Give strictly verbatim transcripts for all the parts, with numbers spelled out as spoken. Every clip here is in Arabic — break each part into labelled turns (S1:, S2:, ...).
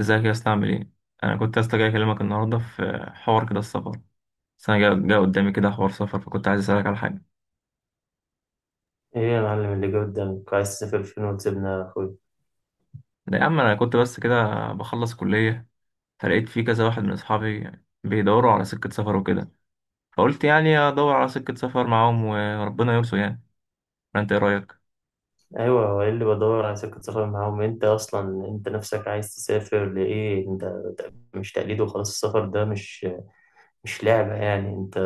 S1: ازيك يا اسطى؟ عامل ايه؟ انا كنت يا اسطى جاي اكلمك النهارده في حوار كده السفر. بس انا جا جا قدامي كده حوار سفر، فكنت عايز اسالك على حاجه.
S2: ايه يا معلم اللي جه قدامك؟ عايز تسافر فين وتسيبنا يا اخوي؟
S1: لا يا عم، انا كنت بس كده بخلص كليه، فلقيت في كذا واحد من اصحابي بيدوروا على سكه سفر وكده، فقلت يعني ادور على سكه سفر معاهم وربنا يرسو يعني. فانت ايه رايك؟
S2: ايوه، هو إيه اللي بدور على سكة سفر معاهم؟ انت اصلا انت نفسك عايز تسافر لايه انت؟ مش تقليد وخلاص. السفر ده مش مش لعبة يعني انت.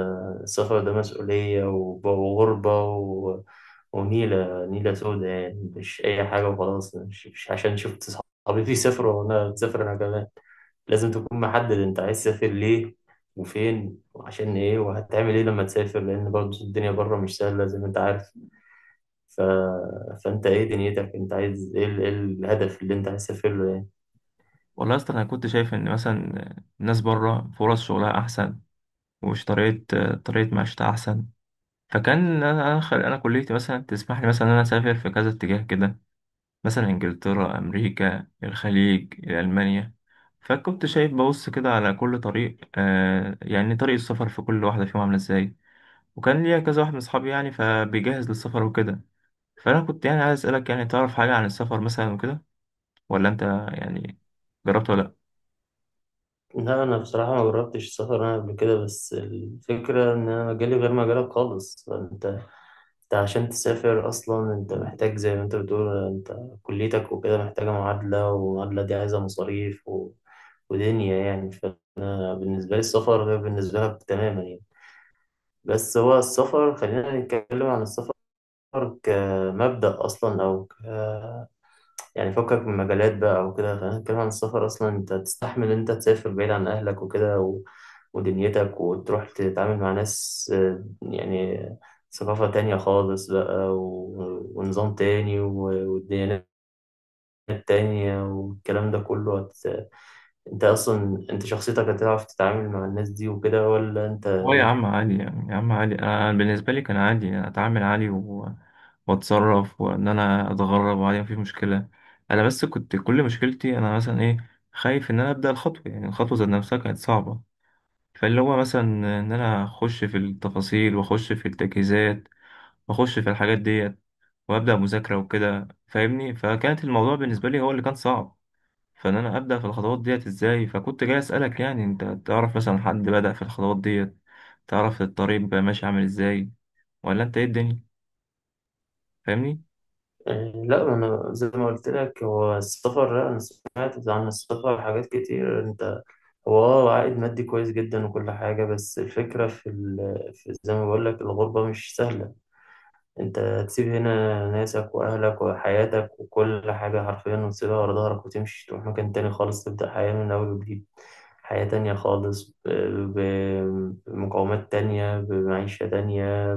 S2: السفر ده مسؤولية وب- وغربة و... ونيلة نيلة سودة، يعني مش أي حاجة وخلاص، مش, مش عشان شفت صحابي بيسافروا وأنا بسافر أنا كمان. لازم تكون محدد أنت عايز تسافر ليه وفين وعشان إيه وهتعمل إيه لما تسافر، لأن برضه الدنيا بره مش سهلة زي ما أنت عارف. ف... فأنت إيه دنيتك؟ أنت عايز إيه، ال- إيه الهدف اللي أنت عايز تسافر له، يعني.
S1: والله يا اسطى انا كنت شايف ان مثلا الناس بره فرص شغلها احسن، ومش طريقه طريقه معيشتها احسن. فكان انا انا أنا كليتي مثلا تسمح لي مثلا ان انا اسافر في كذا اتجاه كده، مثلا إنجلترا، أمريكا، الخليج، ألمانيا. فكنت شايف ببص كده على كل طريق، آه يعني طريق السفر في كل واحدة فيهم عاملة إزاي. وكان ليا كذا واحد من أصحابي يعني فبيجهز للسفر وكده. فأنا كنت يعني عايز أسألك يعني تعرف حاجة عن السفر مثلا وكده، ولا أنت يعني جربت ولا؟
S2: لا، أنا بصراحة ما جربتش السفر أنا قبل كده، بس الفكرة إن أنا مجالي غير مجالك خالص. أنت أنت عشان تسافر أصلا أنت محتاج زي ما أنت بتقول، أنت كليتك وكده محتاجة معادلة، والمعادلة دي عايزة مصاريف و... ودنيا، يعني. فبالنسبة لي السفر غير بالنسبة لك تماما، يعني. بس هو السفر، خلينا نتكلم عن السفر كمبدأ أصلا، أو يعني فكك من مجالات بقى وكده، خلينا نتكلم عن السفر. أصلا أنت تستحمل إن أنت تسافر بعيد عن أهلك وكده و... ودنيتك، وتروح تتعامل مع ناس، آه، يعني ثقافة تانية خالص بقى و... ونظام تاني و... وديانات تانية، والكلام ده كله هت... أنت أصلا أنت شخصيتك هتعرف تتعامل مع الناس دي وكده، ولا أنت؟
S1: هو يا عم عادي يعني، يا عم عادي. انا أنا بالنسبه لي كان عادي يعني، اتعامل عادي و... واتصرف وان انا اتغرب وعادي، مفيش مشكله. انا بس كنت كل مشكلتي انا مثلا ايه، خايف ان انا ابدا الخطوه يعني الخطوه ذات نفسها كانت صعبه. فاللي هو مثلا ان انا اخش في التفاصيل واخش في التجهيزات واخش في الحاجات ديت وابدا مذاكره وكده، فاهمني؟ فكانت الموضوع بالنسبه لي هو اللي كان صعب، فان انا ابدا في الخطوات ديت ازاي. فكنت جاي اسالك يعني انت تعرف مثلا حد بدا في الخطوات ديت؟ تعرف الطريق بقى ماشي عامل ازاي؟ ولا انت ايه الدنيا؟ فاهمني؟
S2: يعني، لا ما انا زي ما قلت لك، هو السفر، لا انا سمعت عن السفر حاجات كتير انت. هو اه، عائد مادي كويس جدا وكل حاجة، بس الفكرة في, ال... في، زي ما بقول لك، الغربة مش سهلة. انت تسيب هنا ناسك واهلك وحياتك وكل حاجة حرفيا وتسيبها ورا ظهرك، وتمشي تروح مكان تاني خالص، تبدأ حياة من اول وجديد، حياة تانية خالص، ب- ب- بمقومات تانية، بمعيشة تانية،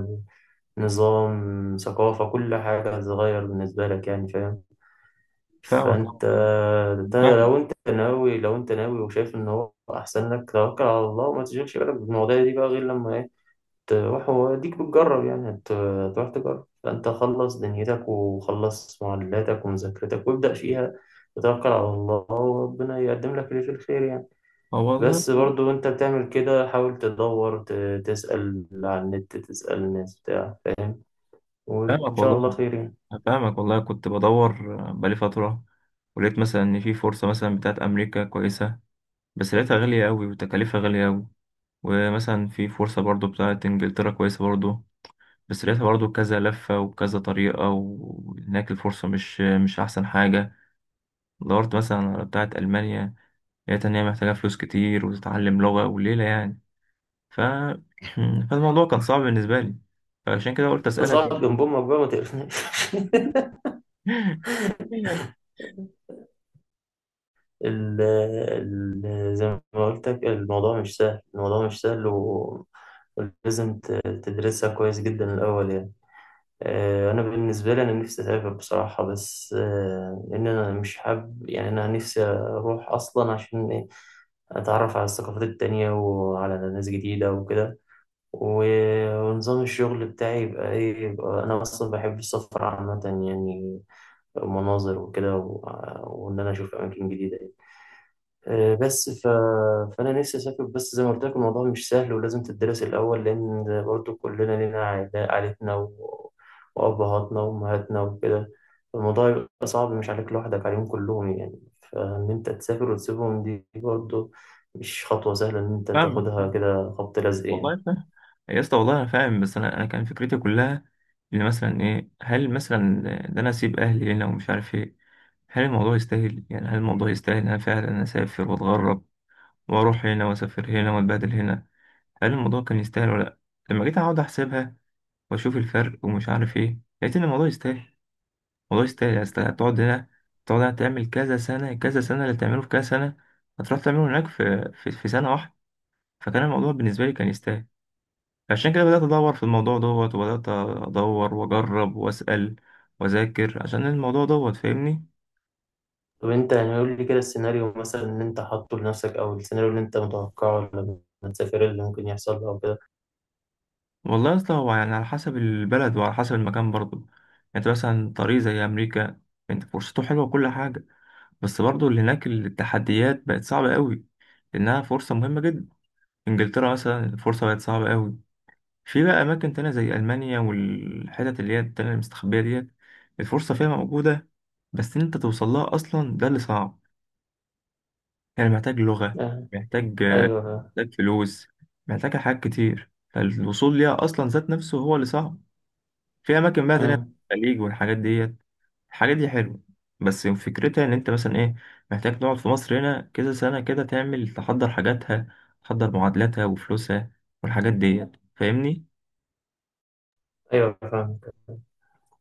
S2: بنظام، ثقافة، كل حاجة هتتغير بالنسبة لك، يعني فاهم.
S1: فاهمك آه
S2: فانت،
S1: والله.
S2: انت
S1: فاهمك
S2: لو انت ناوي، لو انت ناوي وشايف ان هو احسن لك، توكل على الله وما تشغلش بالك بالمواضيع دي بقى، غير لما ايه، تروح وديك بتجرب. يعني هت- هتروح تجرب. فانت خلص دنيتك وخلص معلاتك ومذاكرتك وابدأ فيها، وتوكل على الله وربنا يقدم لك اللي فيه الخير، يعني.
S1: اه والله.
S2: بس برضو انت بتعمل كده، حاول تدور، ت- تسأل على النت، تسأل الناس بتاع، فاهم، وان
S1: فاهمك
S2: شاء الله
S1: والله.
S2: خير، يعني.
S1: فاهمك والله، كنت بدور بقالي فتره، ولقيت مثلا ان في فرصه مثلا بتاعت امريكا كويسه، بس لقيتها غاليه قوي وتكاليفها غاليه قوي. ومثلا في فرصه برضو بتاعت انجلترا كويسه برضو، بس لقيتها برضو كذا لفه وكذا طريقه وهناك الفرصه مش مش احسن حاجه. دورت مثلا على بتاعة ألمانيا، لقيت إن هي محتاجة فلوس كتير وتتعلم لغة وليلة يعني. ف... فالموضوع كان صعب بالنسبة لي، فعشان كده قلت أسألك
S2: اصعد
S1: يعني.
S2: جنب امك بقى ما تقرفناش. ال ال زي ما قلت لك الموضوع مش سهل، الموضوع مش سهل، و- ولازم ت- تدرسها كويس جدا الأول، يعني. آه، أنا بالنسبة لي أنا نفسي أسافر بصراحة، بس آه، إن أنا مش حابب يعني. أنا نفسي أروح أصلا عشان إيه، أتعرف على الثقافات التانية وعلى ناس جديدة وكده، و- ونظام الشغل بتاعي يبقى إيه، يبقى أنا أصلا بحب السفر عامة، يعني المناظر وكده، و- وإن أنا أشوف أماكن جديدة، آه، بس ف... فأنا نفسي أسافر. بس زي ما قلت لك الموضوع مش سهل ولازم تدرس الأول، لأن برضو كلنا لينا عائلة- عائلتنا و... وأبهاتنا وأمهاتنا وكده. الموضوع يبقى صعب مش عليك لوحدك، عليهم كلهم، يعني فإن أنت تسافر وتسيبهم دي برضو مش خطوة سهلة إن أنت
S1: فاهمك
S2: تاخدها
S1: فاهمك.
S2: كده خبط لزق، يعني.
S1: والله فاهم يا اسطى، والله أنا فاهم. بس أنا أنا كان فكرتي كلها إن مثلا إيه، هل مثلا ده أنا أسيب أهلي هنا ومش عارف إيه؟ هل الموضوع يستاهل يعني؟ هل الموضوع يستاهل إن أنا فعلا أسافر وأتغرب وأروح هنا وأسافر هنا وأتبهدل هنا؟ هل الموضوع كان يستاهل ولا لأ؟ لما جيت أقعد أحسبها واشوف الفرق ومش عارف ايه، لقيت ان الموضوع يستاهل. الموضوع يستاهل يعني، اصل هتقعد هنا، تقعد هنا تعمل كذا سنة، كذا سنة اللي تعمله في كذا سنة هتروح تعمله هناك في في, في سنة واحدة. فكان الموضوع بالنسبة لي كان يستاهل، عشان كده بدأت أدور في الموضوع دوت، وبدأت أدور وأجرب وأسأل وأذاكر عشان الموضوع دوت، فاهمني؟
S2: طب أنت يعني قول لي كده السيناريو مثلا اللي أنت حاطه لنفسك، أو السيناريو اللي أنت متوقعه لما تسافر اللي ممكن يحصل أو كده.
S1: والله أصلا هو يعني على حسب البلد وعلى حسب المكان برضه. يعني أنت مثلا طريق زي أمريكا، أنت فرصته حلوة وكل حاجة، بس برضه اللي هناك التحديات بقت صعبة قوي، لأنها فرصة مهمة جدا. انجلترا مثلا الفرصة بقت صعبة قوي. في بقى اماكن تانية زي المانيا والحتت اللي هي التانية المستخبية ديت، الفرصة فيها موجودة، بس ان انت توصل لها اصلا ده اللي صعب. يعني محتاج لغة،
S2: آه،
S1: محتاج،
S2: أيوه، آه،
S1: محتاج فلوس، محتاج حاجات كتير، فالوصول ليها اصلا ذات نفسه هو اللي صعب. في اماكن بقى تانية،
S2: أمم،
S1: الخليج والحاجات ديت، الحاجات دي حلوة، بس فكرتها ان انت مثلا ايه، محتاج تقعد في مصر هنا كذا سنة كده تعمل، تحضر حاجاتها، تحضر معادلاتها وفلوسها والحاجات ديت، فاهمني؟
S2: أيوه فاهم.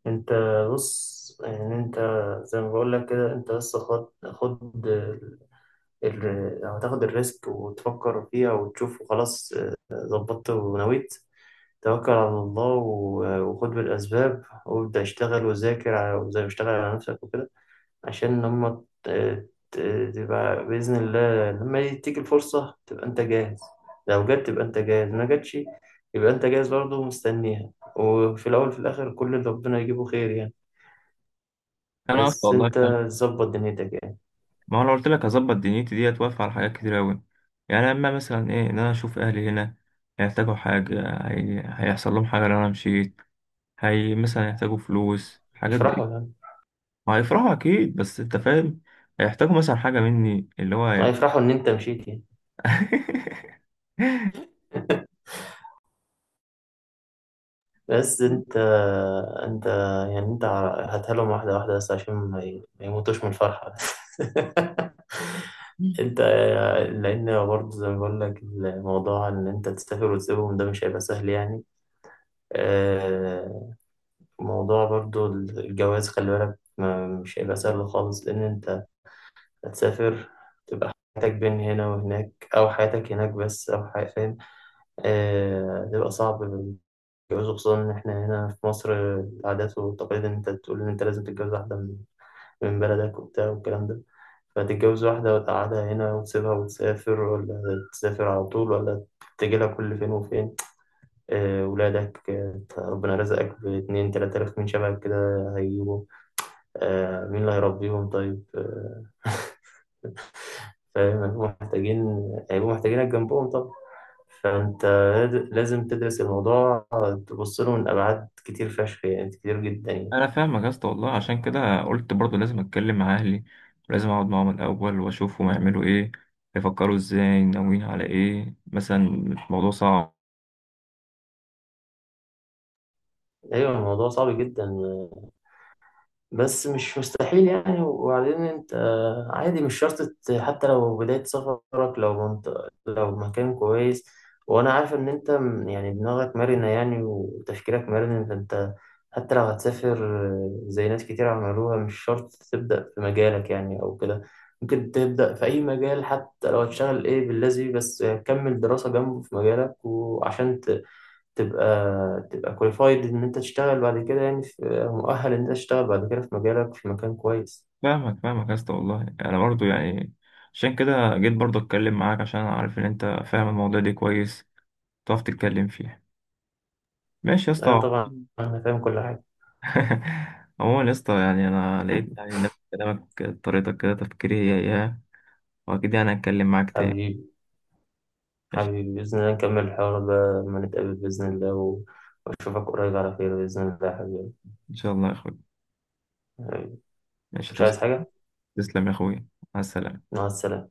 S2: انت بص، يعني انت زي ما بقول لك كده، انت بس خد خد ال... ال- هتاخد الريسك وتفكر فيها وتشوف وخلاص. اه، ظبطت ونويت، توكل على الله و- وخد بالأسباب وابدأ اشتغل وذاكر على- وزي ما اشتغل على نفسك وكده. عشان لما ت- ت- تبقى بإذن الله لما تيجي الفرصة تبقى انت جاهز، لو جت تبقى انت جاهز، ما جاتش يبقى انت جاهز برضه ومستنيها. وفي الأول وفي الآخر كل اللي ربنا يجيبه خير، يعني.
S1: انا اصلا
S2: بس
S1: والله
S2: انت
S1: فاهم.
S2: ظبط دنيتك، يعني.
S1: ما هو انا قلت لك اظبط دنيتي ديت، واقف على حاجات كتير اوي. يعني اما مثلا ايه ان انا اشوف اهلي هنا هيحتاجوا حاجه، هي... هيحصل لهم حاجه لو انا مشيت، هي مثلا هيحتاجوا فلوس، حاجات
S2: هيفرحوا
S1: دي.
S2: يعني.
S1: وهيفرحوا اكيد، بس انت فاهم هيحتاجوا مثلا حاجه مني، اللي هو هي-
S2: هيفرحوا ان انت مشيت، يعني. بس انت، انت، يعني انت هتهلهم واحدة واحدة بس عشان ما ي- ما يموتوش من الفرحة. انت، لان برضه زي ما بقول لك الموضوع ان انت تسافر وتسيبهم ده مش هيبقى سهل، يعني. آه، موضوع برضه الجواز، خلي بالك، ما- مش هيبقى سهل خالص لان انت هتسافر، تبقى حياتك بين هنا وهناك، او حياتك هناك بس، او حياتك، آه، بيبقى صعب الجواز. خصوصا إن إحنا هنا في مصر، العادات والتقاليد إن أنت تقول إن أنت لازم تتجوز واحدة من من بلدك وبتاع والكلام ده. فتتجوز واحدة وتقعدها هنا وتسيبها وتسافر، ولا تسافر على طول، ولا تجي لها كل فين وفين. آه، ولادك، آه، ربنا رزقك باتنين تلاتة آلاف من شبهك كده هيجيبوا. آه، مين اللي هيربيهم طيب، آه، فاهم؟ هيبقوا محتاجين، هيبقوا محتاجينك جنبهم. فأنت لازم تدرس الموضوع، تبص له من أبعاد كتير فشخ، يعني كتير جدا، يعني.
S1: انا فاهمك يا اسطى والله. عشان كده قلت برضو لازم اتكلم مع اهلي، ولازم اقعد معاهم الاول واشوفهم هيعملوا ايه، هيفكروا ازاي، ناويين على ايه. مثلا الموضوع صعب.
S2: أيوة الموضوع صعب جدا بس مش مستحيل، يعني. وبعدين انت آه، عادي، مش شرط ت- حتى لو بداية سفرك، لو منطقة لو مكان كويس. وانا عارف ان انت م- يعني دماغك مرنة يعني، وتفكيرك مرن. فانت حتى لو هتسافر، آه، زي ناس كتير عملوها، مش شرط تبدأ في مجالك يعني او كده. ممكن تبدأ في اي مجال، حتى لو هتشتغل ايه باللازم، بس كمل دراسة جنبه في مجالك، وعشان تبقى تبقى كواليفايد ان انت تشتغل بعد كده، يعني في مؤهل ان انت تشتغل بعد كده في مجالك في مكان كويس.
S1: فاهمك فاهمك يا اسطى والله. انا برضو يعني عشان كده جيت برضو اتكلم معاك، عشان انا عارف ان انت فاهم الموضوع ده كويس، تعرف تتكلم فيه. ماشي يا اسطى.
S2: ايوه طبعا، انا فاهم كل حاجه.
S1: عموما يا اسطى، يعني انا لقيت يعني نفس كلامك، طريقتك كده تفكيري هي اياها، واكيد يعني هتكلم معاك تاني.
S2: حبيبي،
S1: ماشي،
S2: حبيبي باذن الله نكمل الحوار ده لما نتقابل باذن الله، و- واشوفك قريب على خير باذن الله يا حبيبي.
S1: ان شاء الله يا اخوي. ماشي،
S2: مش
S1: توصل،
S2: عايز حاجه.
S1: تسلم يا اخويا، مع السلامة.
S2: مع السلامه.